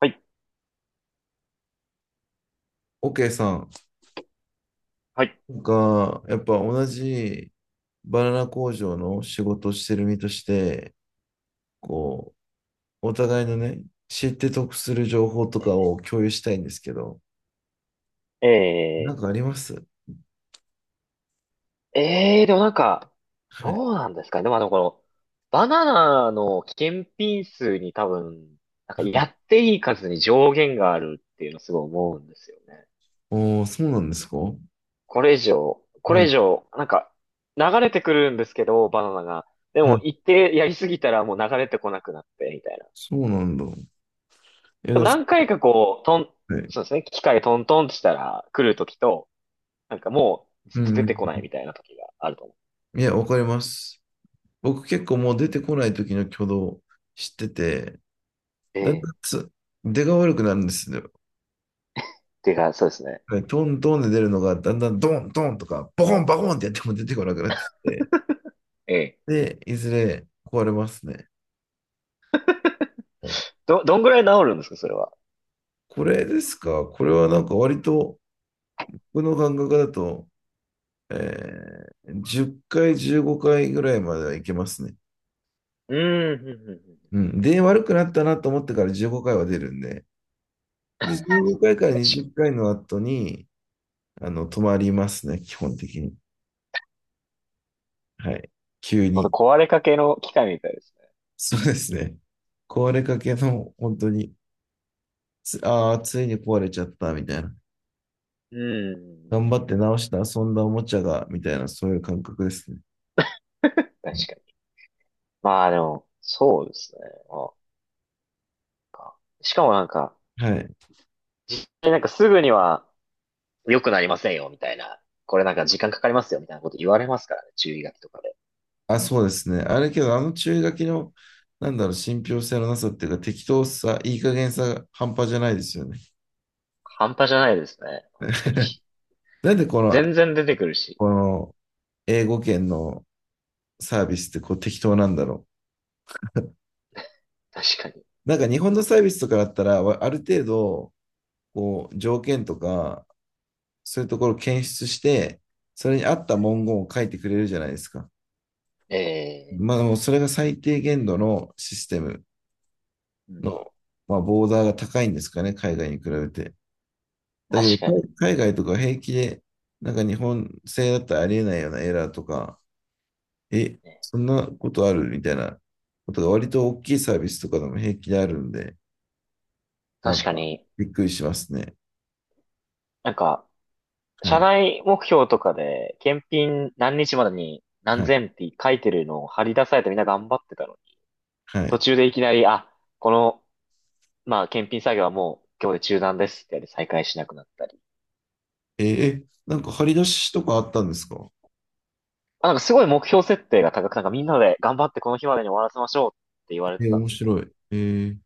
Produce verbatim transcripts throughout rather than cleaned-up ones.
はい。OK さんはい。が、やっぱ同じバナナ工場の仕事をしてる身として、こう、お互いのね、知って得する情報とかえを共有したいんですけど、なえんかあります？ーえーでもなんか、はい。どうなんですかね。でも、まあの、この、バナナの検品数に多分、なんかやっていい数に上限があるっていうのすごい思うんですよね。おー、そうなんですか？はこれ以上、これ以い、上、なんか、流れてくるんですけど、バナナが。ではも、い。一定やりすぎたらもう流れてこなくなって、みたいな。そうなんだ。いや、ででも、もそ何回かこう、トン、はい。そうですね、機械トントンってしたら来るときと、なんかもうずうっとん出てこなういん。みたいなときがあると思う。いや、わかります。僕結構もう出てこない時の挙動知ってて、だんえだんえ。つ出が悪くなるんですよ。ていうか、そうですね。はい、トントンで出るのが、だんだんドンドンとか、ボコンボコンってやっても出てこなくなってきて、ええ。で、いずれ壊れますね。はい。ど、どんぐらい治るんですか、それは。これですか？これはなんか割と、僕の感覚だと、えーじゅっかい、じゅうごかいぐらいまではいけますね。うん、うんうんうん。うん。で、悪くなったなと思ってからじゅうごかいは出るんで、で、じゅうごかいかいか確ら20かに。回の後に、あの、止まりますね、基本的に。はい。急ほんとに。壊れかけの機械みたいですね。そうですね。壊れかけの、本当に、つ、ああ、ついに壊れちゃったみたいな。うん、うん。頑張って直して遊んだおもちゃが、みたいな、そういう感覚ですね。確かに。まあでも、そうですね。まあ、しかもなんか、はい。え、なんかすぐには良くなりませんよ、みたいな。これなんか時間かかりますよ、みたいなこと言われますからね、注意書きとかで。あ、そうですね。あれけど、あの注意書きの、なんだろう、信憑性のなさっていうか、適当さ、いい加減さが半端じゃないですよね。半端じゃないですね、本当に。なんでこの、全然出てくるし。この英語圏のサービスってこう適当なんだろ確かに。う。なんか日本のサービスとかだったら、わある程度、こう、条件とか、そういうところを検出して、それに合った文言を書いてくれるじゃないですか。えまあ、え、でもそれが最低限度のシステムうん。の、まあ、ボーダーが高いんですかね、海外に比べて。だけど、確かに。海海外とか平気で、なんか日本製だったらありえないようなエラーとか、え、ね。そんなことあるみたいなことが割と大きいサービスとかでも平気であるんで、な確んかかに、びっくりしますね。なんか、は社い、内目標とかで、検品何日までに何はい、千って書いてるのを貼り出されて、みんな頑張ってたのに、は途い。中でいきなり、あ、この、まあ、検品作業はもう今日で中断ですってやって再開しなくなったり。えーえなんか張り出しとかあったんですか？まあ、なんかすごい目標設定が高く、なんかみんなで頑張ってこの日までに終わらせましょうって言われえてーたん面ですけ白ど。い。えー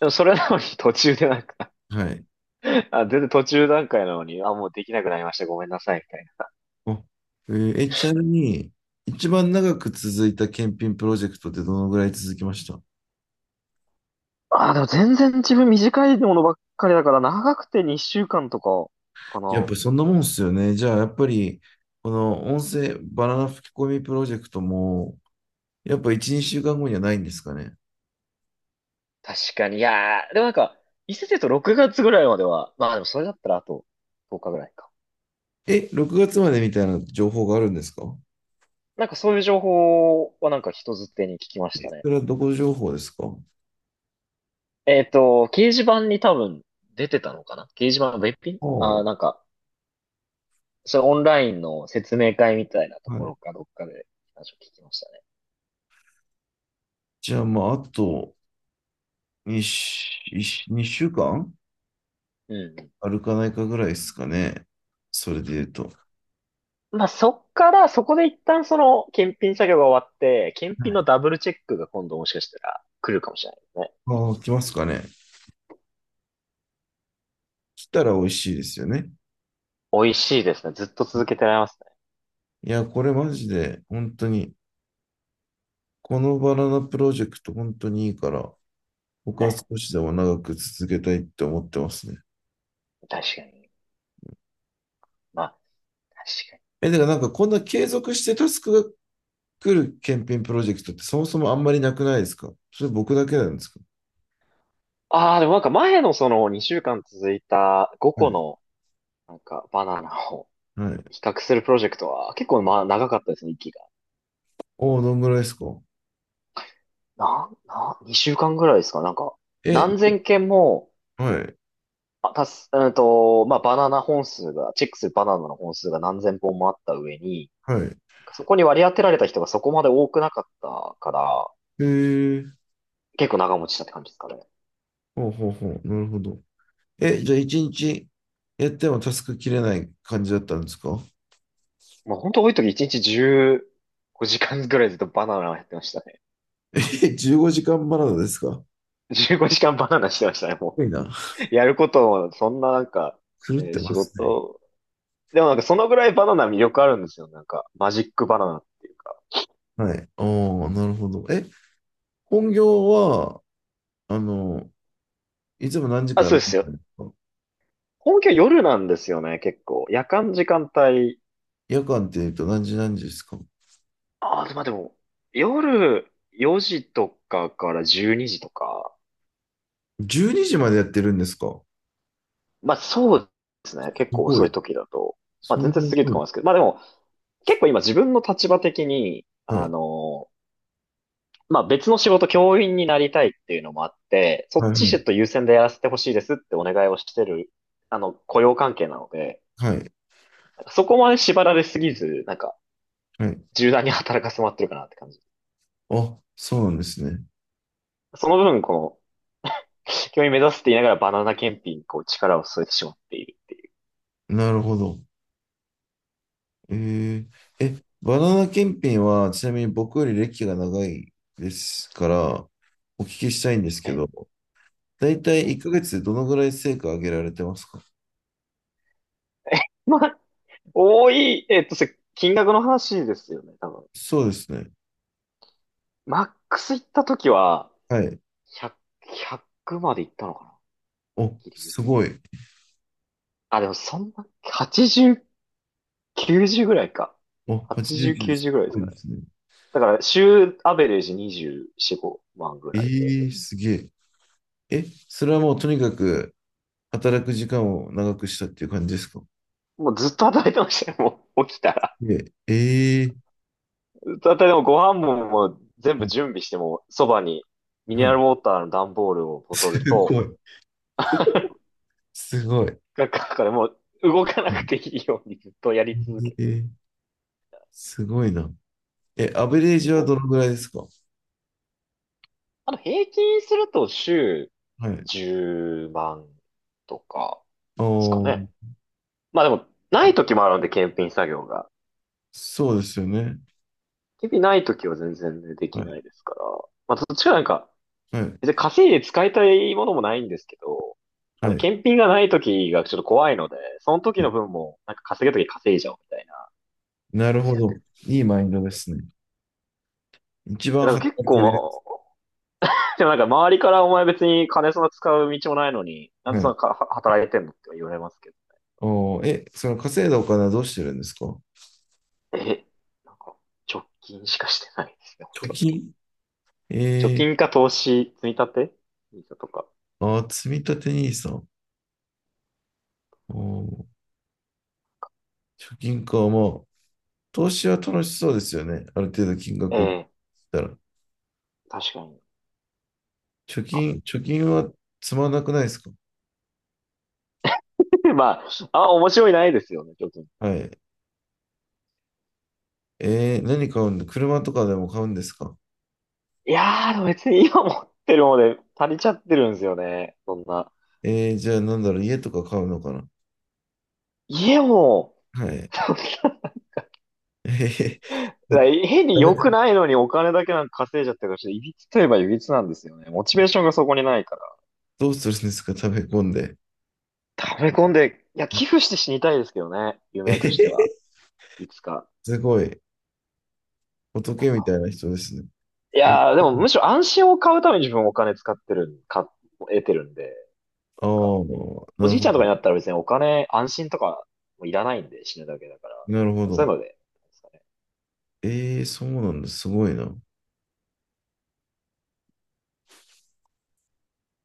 でも、それなのに 途中でなんか はい。あ、全然途中段階なのに、あ、もうできなくなりました。ごめんなさい、みたいな。あえーえ、ちなみに、一番長く続いた検品プロジェクトってどのぐらい続きました？あ、でも全然自分短いものばっかりだから、長くてにしゅうかんとかかやっぱな。りそんなもんっすよね。じゃあ、やっぱり、この音声バナナ吹き込みプロジェクトも、やっぱいち、にしゅうかんごにはないんですかね。確かに。いやー、でもなんか、伊勢とろくがつぐらいまでは、まあでもそれだったらあととおかぐらいか。え、ろくがつまでみたいな情報があるんですか？なんかそういう情報はなんか人づてに聞きましたね。それはどこ情報ですか？えっと、掲示板に多分出てたのかな。掲示板の別品ああ、あー、はなんか、それオンラインの説明会みたいなとこい。ろかどっかで話を聞きましたね。じゃあ、まあ、あとに、週間うん。歩かんあるかないかぐらいですかね。それで言うと。まあそっから、そこで一旦その検品作業が終わって、検品のダブルチェックが今度もしかしたら来るかもしれないですね。一ああ、気に。来ますかね。来たら美味しいですよね。美味しいですね。ずっと続けてられますいや、これマジで、本当に、このバナナプロジェクト本当にいいから、僕ね。はね。少しでも長く続けたいって思ってますね。確かに。まあ、確かに。え、てかなんかこんな継続してタスクが来る検品プロジェクトってそもそもあんまりなくないですか？それ僕だけなんですか？ああ、でもなんか前のそのにしゅうかん続いた5は個い。のなんかバナナを はい。比較するプロジェクトは結構まあ長かったですね、息が。おお、どんぐらいですか？な、な、にしゅうかんぐらいですかなんか、え、何千件も、はい。あ、たす、うんと、まあバナナ本数が、チェックするバナナの本数が何千本もあった上に、はい。そこに割り当てられた人がそこまで多くなかったから、へえ、結構長持ちしたって感じですかね。ほうほうほう。なるほど。え、じゃあ一日やってもタスク切れない感じだったんですか？まあ本当多い時いちにちじゅうごじかんぐらいずっとバナナをやってましたね。え、じゅうごじかんバナナですか？す じゅうごじかんバナナしてましたね、もごいな。う。やることも、そんななんか、狂っえーてま仕すね。事、でもなんかそのぐらいバナナ魅力あるんですよ、なんか。マジックバナナっていうか。はい。ああ、なるほど。え、本業は、あの、いつも何時あ、からそう何で時すよ。なんですか？本気は夜なんですよね、結構。夜間時間帯。夜間って言うと何時何時ですか？ ああ、まあでも、夜よじとかからじゅうにじとか。じゅうに 時までやってるんですか？まあそうですね、結す構ご遅いい。時だと。まあそんな全然過ぎる遅とい。思いますけど。まあでも、結構今自分の立場的に、はあい。のまあ別の仕事、教員になりたいっていうのもあって、そっはちちょっい。と優先でやらせてほしいですってお願いをしてる、あの、雇用関係なので、はい。なんかそこまで縛られすぎず、なんか、はい。柔軟に働かせてもらってるかなって感じ。あ、そうなんですね。その分、この、教員目指すって言いながらバナナ検品にこう力を添えてしまっている。なるほど。えー、え、バナナ検品は、ちなみに僕より歴が長いですから、お聞きしたいんですけえど、だいたえ、い1えヶ月でどのぐらい成果上げられてますか？え。まあ、多い、えっと、それ金額の話ですよね、多分。そうですね。マックス行った時は、はい。ひゃく、ひゃくまで行ったのかな、お、ギリギすリ。ごい。あ、でもそんな、はちじゅう きゅうじゅうぐらいか。お、はちじゅう、はちじゅうきゅうです。すきゅうじゅうぐらいですごいかね。ですね。だから、週アベレージにじゅうよん、ごまんぐらいで。ええ、すげえ。え、それはもうとにかく働く時間を長くしたっていう感じですか？もうずっと働いてましたよ、もう起きたら。で、ええ、ずっと働いても、ご飯ももう全は部い、準備しても、そばにミネはラルい。ウォーターの段ボールをボトルすと、ごい。すごい。なんか、だからもう動かなうくん、ていいようにずっとやり続えけて。ー、すごいな。え、アベレージはおどのぐらいですか？あの、平均すると週はい。じゅうまんとかですかおー、ね。まあでも、ない時もあるんで、検品作業が。そうですよね。日々ない時は全然ね、ではきい。ないですから。まあ、どっちかなんか、はい。別に稼いで使いたいものもないんですけど、あはの、い。検品がない時がちょっと怖いので、その時の分も、なんか稼げる時稼いじゃおうみたいななる感じほでやってど。るいいマインドんでで。いすね。一や番だか働ら結構、けまる。あ、でもなんか周りからお前別に金そんな使う道もないのに、なんではそんい。なかは働いてんのって言われますけど。おー、え、その稼いだお金はどうしてるんですか？え、なんか、貯金しかしてないですね、ほ貯とんど。金。貯えー、金か投資、積み立てとか。あー、積み立て n i s おー、貯金か。まあ、投資は楽しそうですよね。ある程度金え額を切っえ。たら。確かに。貯あ 金、貯金はつまんなくないですか？ まあ、あ、面白いないですよね、ちょっと。いはい。えー、何買うんだ、車とかでも買うんですか？やー、でも別に今持ってるもので足りちゃってるんですよね。そんな。えー、じゃあなんだろう、家とか買うのかな？家も、はい。そんえへへ。なだ変に良食くべないのにお金だけなんか稼いじゃってるから、ちょっといびつといえばいびつなんですよね。モチベーションがそこにないから。どうするんですか、食べ込んで。溜め込んで、いや、寄付して死にたいですけどね。えへ夢としては。へ。いつか。すごい。なん仏みたか。いな人ですね。い僕やー、でもむしろ安心を買うために自分お金使ってるん、か、得てるんで。ああ、か、おなるじいほちゃんとかにど。なったら別にお金、安心とかもいらないんで、死ぬだけだから、なるほそういど。うので、なんですかね。ええ、そうなんだ。すごいな。